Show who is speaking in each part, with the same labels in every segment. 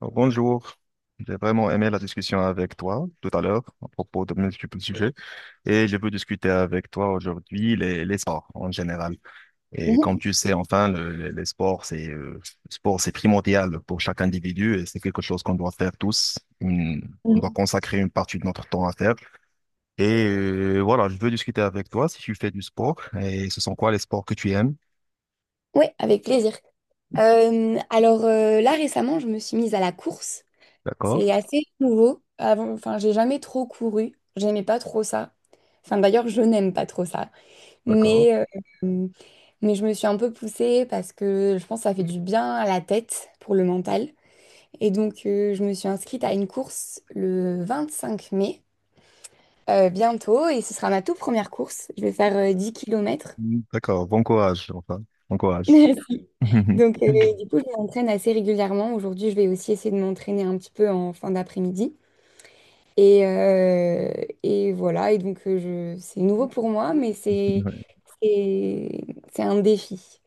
Speaker 1: Alors, bonjour, j'ai vraiment aimé la discussion avec toi tout à l'heure à propos de multiples sujets et je veux discuter avec toi aujourd'hui les sports en général. Et
Speaker 2: Mhm,
Speaker 1: comme tu sais, enfin, les sports, c'est le sport, c'est primordial pour chaque individu et c'est quelque chose qu'on doit faire tous. On
Speaker 2: mhm.
Speaker 1: doit consacrer une partie de notre temps à faire. Et voilà, je veux discuter avec toi si tu fais du sport et ce sont quoi les sports que tu aimes?
Speaker 2: Ouais, avec plaisir. Alors, là récemment, je me suis mise à la course.
Speaker 1: D'accord?
Speaker 2: C'est assez nouveau. Avant, enfin, j'ai jamais trop couru. J'aimais pas trop ça. Enfin, d'ailleurs, je n'aime pas trop ça.
Speaker 1: D'accord.
Speaker 2: Mais, euh, mais je me suis un peu poussée parce que je pense que ça fait du bien à la tête pour le mental. Et donc, je me suis inscrite à une course le 25 mai, bientôt, et ce sera ma toute première course. Je vais faire 10 km.
Speaker 1: Mm, d'accord, bon courage, enfin, bon courage.
Speaker 2: Donc, du coup, je m'entraîne assez régulièrement. Aujourd'hui, je vais aussi essayer de m'entraîner un petit peu en fin d'après-midi. Et, euh, et voilà, et donc c'est nouveau pour moi, mais
Speaker 1: Ouais.
Speaker 2: c'est c'est un défi.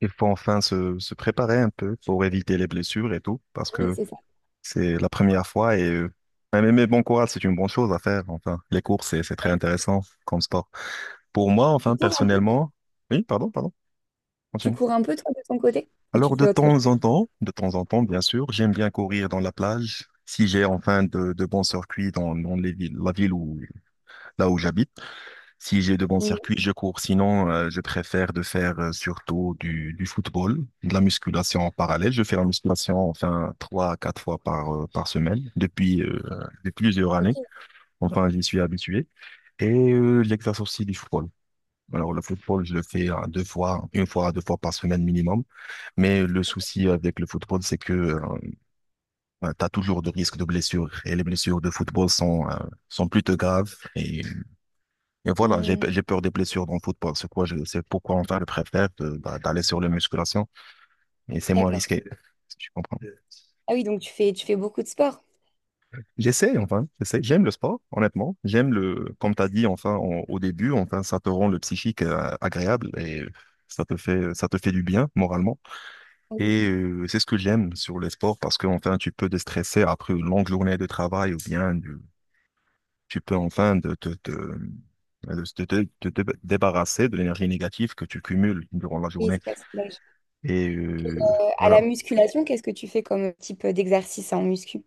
Speaker 1: Il faut enfin se préparer un peu pour éviter les blessures et tout, parce
Speaker 2: Oui,
Speaker 1: que
Speaker 2: c'est ça.
Speaker 1: c'est la première fois et mais bon courage, c'est une bonne chose à faire. Enfin, les courses, c'est très intéressant comme sport. Pour moi,
Speaker 2: Tu
Speaker 1: enfin,
Speaker 2: cours un,
Speaker 1: personnellement, oui, pardon, pardon,
Speaker 2: tu
Speaker 1: continue.
Speaker 2: cours un peu, toi, de ton côté, ou tu
Speaker 1: Alors, de
Speaker 2: fais autre
Speaker 1: temps en
Speaker 2: chose?
Speaker 1: temps, de temps en temps, bien sûr, j'aime bien courir dans la plage. Si j'ai enfin de bons circuits dans les villes, la ville où, là où j'habite, si j'ai de bons
Speaker 2: Mhm.
Speaker 1: circuits, je cours. Sinon, je préfère de faire surtout du football, de la musculation en parallèle. Je fais la musculation enfin trois à quatre fois par semaine depuis plusieurs
Speaker 2: Ok.
Speaker 1: années. Enfin, j'y suis habitué. Et l'exercice aussi du football. Alors, le football, je le fais deux fois, une fois à deux fois par semaine minimum. Mais le souci avec le football, c'est que tu as toujours de risques de blessures. Et les blessures de football sont plutôt graves. Et voilà, j'ai,
Speaker 2: Hmm,
Speaker 1: j'ai peur des blessures dans le football. C'est quoi, c'est pourquoi on va le préfère bah, d'aller sur les musculations. Et c'est moins
Speaker 2: d'accord.
Speaker 1: risqué, si tu comprends.
Speaker 2: Ah oui, donc tu fais beaucoup de sport.
Speaker 1: J'essaie, enfin, j'essaie. J'aime le sport, honnêtement. J'aime le, comme tu as dit, enfin, en- au début, enfin, ça te rend le psychique agréable et ça te fait du bien moralement.
Speaker 2: Oui,
Speaker 1: Et c'est ce que j'aime sur le sport parce que, enfin, tu peux déstresser après une longue journée de travail ou bien tu peux, enfin, de te- te- te- te débarrasser de l'énergie négative que tu cumules durant la
Speaker 2: oui,
Speaker 1: journée.
Speaker 2: c'est parce que là,
Speaker 1: Et
Speaker 2: à
Speaker 1: voilà.
Speaker 2: la musculation, qu'est-ce que tu fais comme type d'exercice en muscu?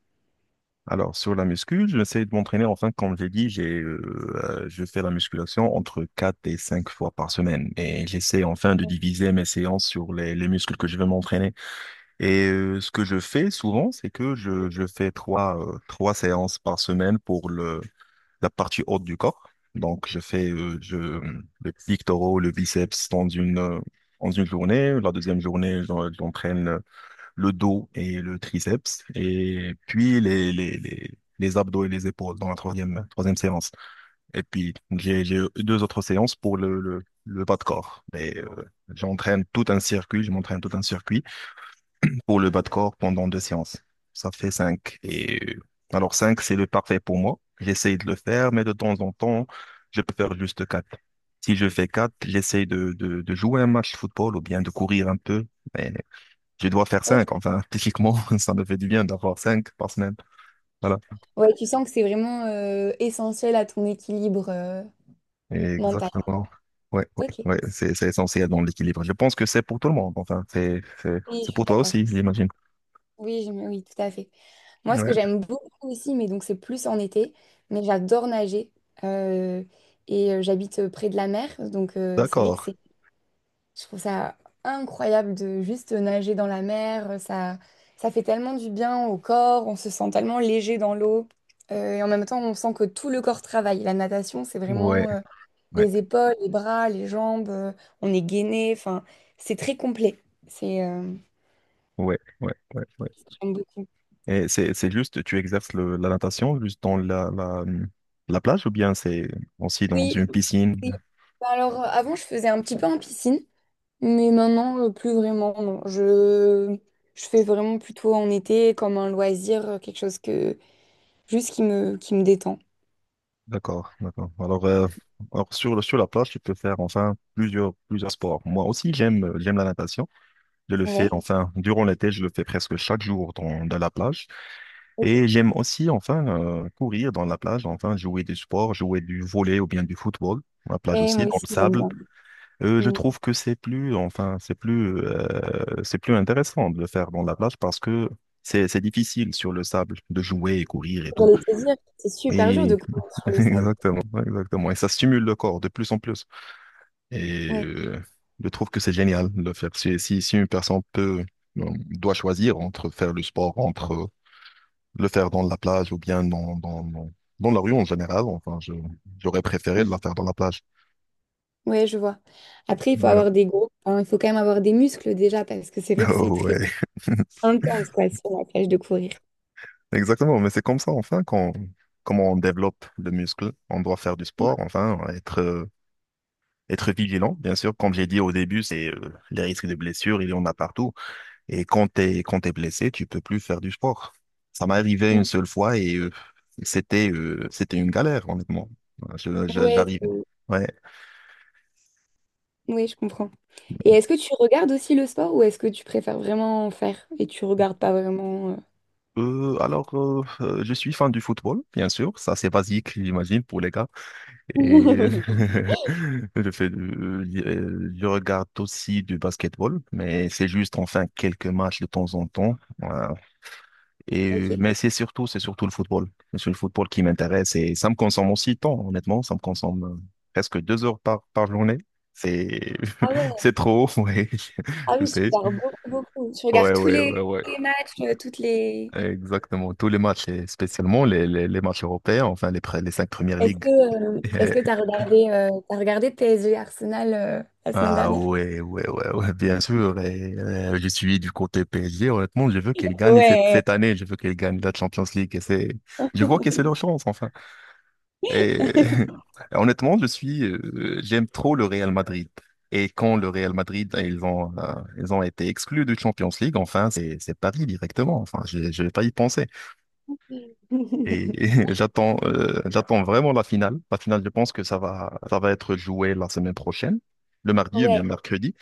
Speaker 1: Alors, sur la muscu, j'essaie de m'entraîner. Enfin, comme j'ai dit, je fais la musculation entre 4 et 5 fois par semaine. Et j'essaie enfin de diviser mes séances sur les muscles que je veux m'entraîner. Et ce que je fais souvent, c'est que je fais trois séances par semaine pour le, la partie haute du corps. Donc, je fais le pectoraux, le biceps dans une journée. La deuxième journée, j'entraîne le dos et le triceps, et puis les abdos et les épaules dans la troisième séance. Et puis, j'ai deux autres séances pour le bas de corps. Mais j'entraîne tout un circuit, je m'entraîne tout un circuit pour le bas de corps pendant deux séances. Ça fait cinq. Et alors, cinq, c'est le parfait pour moi. J'essaye de le faire, mais de temps en temps, je peux faire juste quatre. Si je fais quatre, j'essaye de jouer un match de football ou bien de courir un peu. Mais je dois faire
Speaker 2: Ok.
Speaker 1: cinq. Enfin, typiquement, ça me fait du bien d'avoir cinq par semaine. Voilà.
Speaker 2: Ouais, tu sens que c'est vraiment essentiel à ton équilibre mental.
Speaker 1: Exactement. Ouais, ouais,
Speaker 2: Ok,
Speaker 1: ouais. C'est essentiel dans l'équilibre. Je pense que c'est pour tout le monde. Enfin, c'est, c'est,
Speaker 2: oui,
Speaker 1: c'est
Speaker 2: je suis
Speaker 1: pour toi
Speaker 2: d'accord.
Speaker 1: aussi, j'imagine.
Speaker 2: Oui, oui, tout à fait. Moi, ce que
Speaker 1: Ouais.
Speaker 2: j'aime beaucoup aussi, mais donc c'est plus en été, mais j'adore nager. Euh, et j'habite près de la mer, donc c'est vrai que
Speaker 1: D'accord.
Speaker 2: je trouve ça incroyable de juste nager dans la mer. Ça fait tellement du bien au corps, on se sent tellement léger dans l'eau. Et en même temps, on sent que tout le corps travaille. La natation, c'est
Speaker 1: Ouais,
Speaker 2: vraiment
Speaker 1: ouais,
Speaker 2: les épaules, les bras, les jambes, on est gainé, enfin, c'est très complet. C'est, euh,
Speaker 1: ouais, ouais, ouais, ouais.
Speaker 2: j'aime beaucoup.
Speaker 1: Et c'est juste, tu exerces le, la natation juste dans la plage ou bien c'est aussi dans
Speaker 2: Oui,
Speaker 1: une piscine?
Speaker 2: oui. Bah alors, avant, je faisais un petit peu en piscine, mais maintenant, plus vraiment, non. Je fais vraiment plutôt en été, comme un loisir, quelque chose que, juste qui me détend.
Speaker 1: D'accord, d'accord. Alors sur, sur la plage, tu peux faire enfin plusieurs sports. Moi aussi, j'aime la natation. Je le fais,
Speaker 2: Ouais,
Speaker 1: enfin, durant l'été, je le fais presque chaque jour dans la plage.
Speaker 2: ok.
Speaker 1: Et j'aime aussi, enfin, courir dans la plage, enfin, jouer du sport, jouer du volley ou bien du football. La plage
Speaker 2: Ouais,
Speaker 1: aussi,
Speaker 2: moi
Speaker 1: dans
Speaker 2: aussi,
Speaker 1: le
Speaker 2: j'aime
Speaker 1: sable.
Speaker 2: bien.
Speaker 1: Je
Speaker 2: Mm.
Speaker 1: trouve que c'est plus, enfin, c'est plus intéressant de le faire dans la plage parce que c'est difficile sur le sable de jouer et courir et tout.
Speaker 2: J'allais te dire, c'est super dur de
Speaker 1: Et
Speaker 2: courir sur le sable.
Speaker 1: exactement, exactement. Et ça stimule le corps de plus en plus. Et
Speaker 2: Ouais.
Speaker 1: je trouve que c'est génial de le faire. Si une personne peut, euh, doit choisir entre faire le sport, entre le faire dans la plage ou bien dans la rue en général, enfin, j'aurais préféré de
Speaker 2: Mm.
Speaker 1: la faire dans la plage.
Speaker 2: Ouais, je vois. Après, il faut
Speaker 1: Yeah.
Speaker 2: avoir des gros, hein, il faut quand même avoir des muscles déjà, parce que c'est vrai que c'est
Speaker 1: Oh,
Speaker 2: très
Speaker 1: ouais.
Speaker 2: intense, quoi, sur la plage de courir.
Speaker 1: Exactement, mais c'est comme ça, enfin, comment on développe le muscle, on doit faire du sport, enfin, être vigilant, bien sûr. Comme j'ai dit au début, c'est les risques de blessures, il y en a partout. Et quand t'es blessé, tu peux plus faire du sport. Ça m'est arrivé une
Speaker 2: Mm.
Speaker 1: seule fois et c'était une galère, honnêtement. Voilà.
Speaker 2: Ouais,
Speaker 1: J'arrive. Ouais.
Speaker 2: ouais, je comprends. Et est-ce que tu regardes aussi le sport ou est-ce que tu préfères vraiment en faire et tu regardes pas vraiment?
Speaker 1: Alors, je suis fan du football, bien sûr. Ça, c'est basique, j'imagine, pour les gars. Et je regarde aussi du basketball, mais c'est juste, enfin, quelques matchs de temps en temps. Euh,
Speaker 2: Ok.
Speaker 1: mais c'est surtout le football. C'est le football qui m'intéresse et ça me consomme aussi de temps, honnêtement. Ça me consomme presque 2 heures par journée. C'est,
Speaker 2: Ah ouais,
Speaker 1: c'est trop, ouais.
Speaker 2: ah
Speaker 1: Je
Speaker 2: oui, tu
Speaker 1: sais.
Speaker 2: regardes beaucoup, beaucoup. Tu
Speaker 1: Ouais,
Speaker 2: regardes tous
Speaker 1: ouais,
Speaker 2: les,
Speaker 1: ouais, ouais.
Speaker 2: les matchs, toutes les.
Speaker 1: Exactement. Tous les matchs, et spécialement les matchs européens, enfin, les cinq premières
Speaker 2: Est-ce
Speaker 1: ligues.
Speaker 2: que euh,
Speaker 1: Et-
Speaker 2: est-ce que t'as regardé PSG Arsenal la semaine
Speaker 1: Ah
Speaker 2: dernière?
Speaker 1: ouais, ouais, ouais, ouais, bien sûr. Et, je suis du côté PSG. Honnêtement, je veux qu'elle gagne cette,
Speaker 2: Ouais.
Speaker 1: cette année. Je veux qu'elle gagne la Champions League. Et je vois que c'est leur chance, enfin. Et honnêtement, je suis, j'aime trop le Real Madrid. Et quand le Real Madrid, ils ont été exclus de Champions League, enfin, c'est Paris directement. Enfin, je vais pas y penser. Et, j'attends vraiment la finale. La finale, je pense que ça va être joué la semaine prochaine, le mardi ou bien
Speaker 2: Ouais.
Speaker 1: mercredi.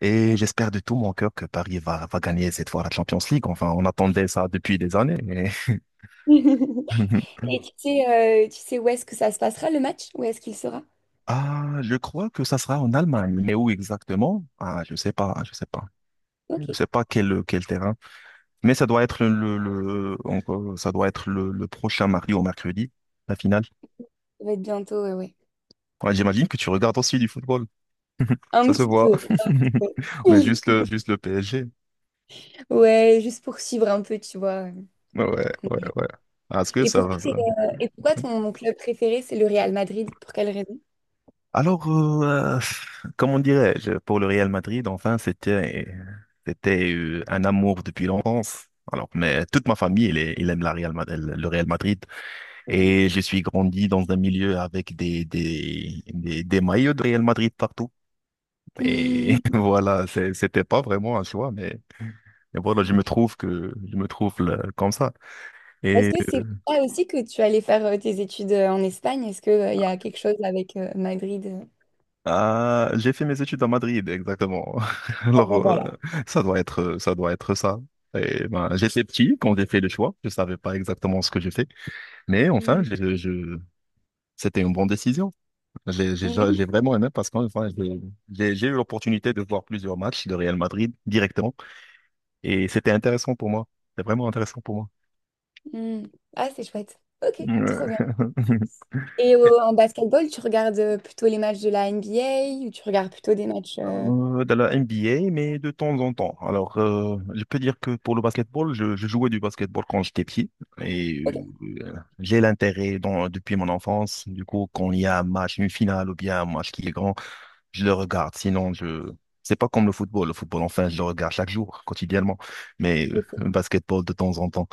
Speaker 1: Et j'espère de tout mon cœur que Paris va gagner cette fois la Champions League. Enfin, on attendait ça depuis des années. Mais
Speaker 2: Et tu sais où est-ce que ça se passera le match? Où est-ce qu'il sera?
Speaker 1: ah, je crois que ça sera en Allemagne, mais où exactement? Ah, je sais pas, je sais pas, je
Speaker 2: Ok,
Speaker 1: sais pas quel terrain. Mais ça doit être le encore, ça doit être le prochain mardi ou mercredi, la finale.
Speaker 2: ça va être bientôt, ouais, ouais.
Speaker 1: Ouais, j'imagine que tu regardes aussi du football,
Speaker 2: Un
Speaker 1: ça se
Speaker 2: petit
Speaker 1: voit.
Speaker 2: peu.
Speaker 1: Mais juste le juste le PSG.
Speaker 2: Ouais, juste pour suivre un peu, tu vois.
Speaker 1: Ouais, ouais, ouais. Ah, est-ce que
Speaker 2: Et
Speaker 1: ça va
Speaker 2: pourquoi,
Speaker 1: ça?
Speaker 2: t'es, euh, et pourquoi ton club préféré, c'est le Real Madrid? Pour quelle raison?
Speaker 1: Alors, comment dirais-je, pour le Real Madrid, enfin, c'était un amour depuis l'enfance. Alors, mais toute ma famille, elle, est- elle aime la Real, Ma- le Real Madrid. Et je suis grandi dans un milieu avec des maillots de Real Madrid partout. Et
Speaker 2: Mhm.
Speaker 1: voilà, c'était pas vraiment un choix, mais, voilà, je me trouve comme ça.
Speaker 2: Est-ce que c'est pour ça aussi que tu allais faire tes études en Espagne? Est-ce qu'il y a quelque chose avec Madrid?
Speaker 1: Ah, j'ai fait mes études à Madrid, exactement.
Speaker 2: Ah ben
Speaker 1: Alors,
Speaker 2: voilà.
Speaker 1: ça doit être ça. Et ben, j'étais petit quand j'ai fait le choix. Je savais pas exactement ce que j'ai fait. Mais enfin,
Speaker 2: Mm.
Speaker 1: c'était une bonne décision. J'ai
Speaker 2: Oui.
Speaker 1: vraiment aimé parce qu'en enfin, j'ai eu l'opportunité de voir plusieurs matchs de Real Madrid directement. Et c'était intéressant pour moi. C'était vraiment intéressant pour moi.
Speaker 2: Mm. Ah, c'est chouette. Ok,
Speaker 1: Ouais.
Speaker 2: trop bien. Et en basketball, tu regardes plutôt les matchs de la NBA ou tu regardes plutôt des matchs...
Speaker 1: De la NBA, mais de temps en temps. Alors, je peux dire que pour le basketball, je jouais du basketball quand j'étais petit et
Speaker 2: Ok,
Speaker 1: euh, j'ai l'intérêt dans- depuis mon enfance. Du coup, quand il y a un match, une finale ou bien un match qui est grand, je le regarde. Sinon, je c'est pas comme le football. Le football, enfin, je le regarde chaque jour, quotidiennement. Mais
Speaker 2: ok,
Speaker 1: le basketball de temps en temps.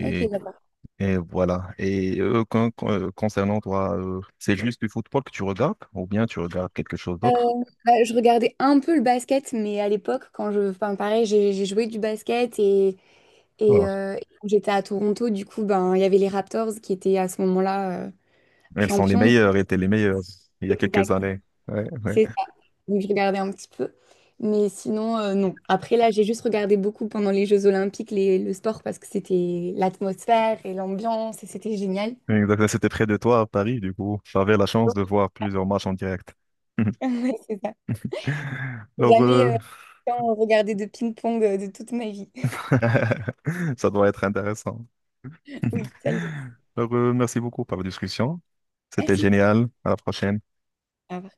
Speaker 2: ok, d'accord.
Speaker 1: et voilà. Et concernant toi, c'est juste du football que tu regardes ou bien tu regardes quelque chose
Speaker 2: Euh,
Speaker 1: d'autre?
Speaker 2: bah, je regardais un peu le basket, mais à l'époque, enfin, pareil, j'ai joué du basket et,
Speaker 1: Ah.
Speaker 2: et quand j'étais à Toronto, du coup, ben, il y avait les Raptors qui étaient à ce moment-là
Speaker 1: Elles sont les
Speaker 2: champions.
Speaker 1: meilleures, étaient les meilleures il y a quelques
Speaker 2: Exact.
Speaker 1: années. Ouais, ouais.
Speaker 2: C'est ça. Donc, je regardais un petit peu. Mais sinon, non. Après, là, j'ai juste regardé beaucoup pendant les Jeux Olympiques le sport parce que c'était l'atmosphère et l'ambiance et c'était génial.
Speaker 1: Exactement. C'était près de toi à Paris, du coup. J'avais la chance de voir plusieurs matchs en direct.
Speaker 2: Ouais, c'est ça. J'ai
Speaker 1: Donc,
Speaker 2: jamais autant regardé de ping-pong de toute ma vie.
Speaker 1: ça doit être intéressant.
Speaker 2: Oui, ça l'est.
Speaker 1: Donc, merci beaucoup pour la discussion. C'était
Speaker 2: Merci.
Speaker 1: génial. À la prochaine.
Speaker 2: Au revoir.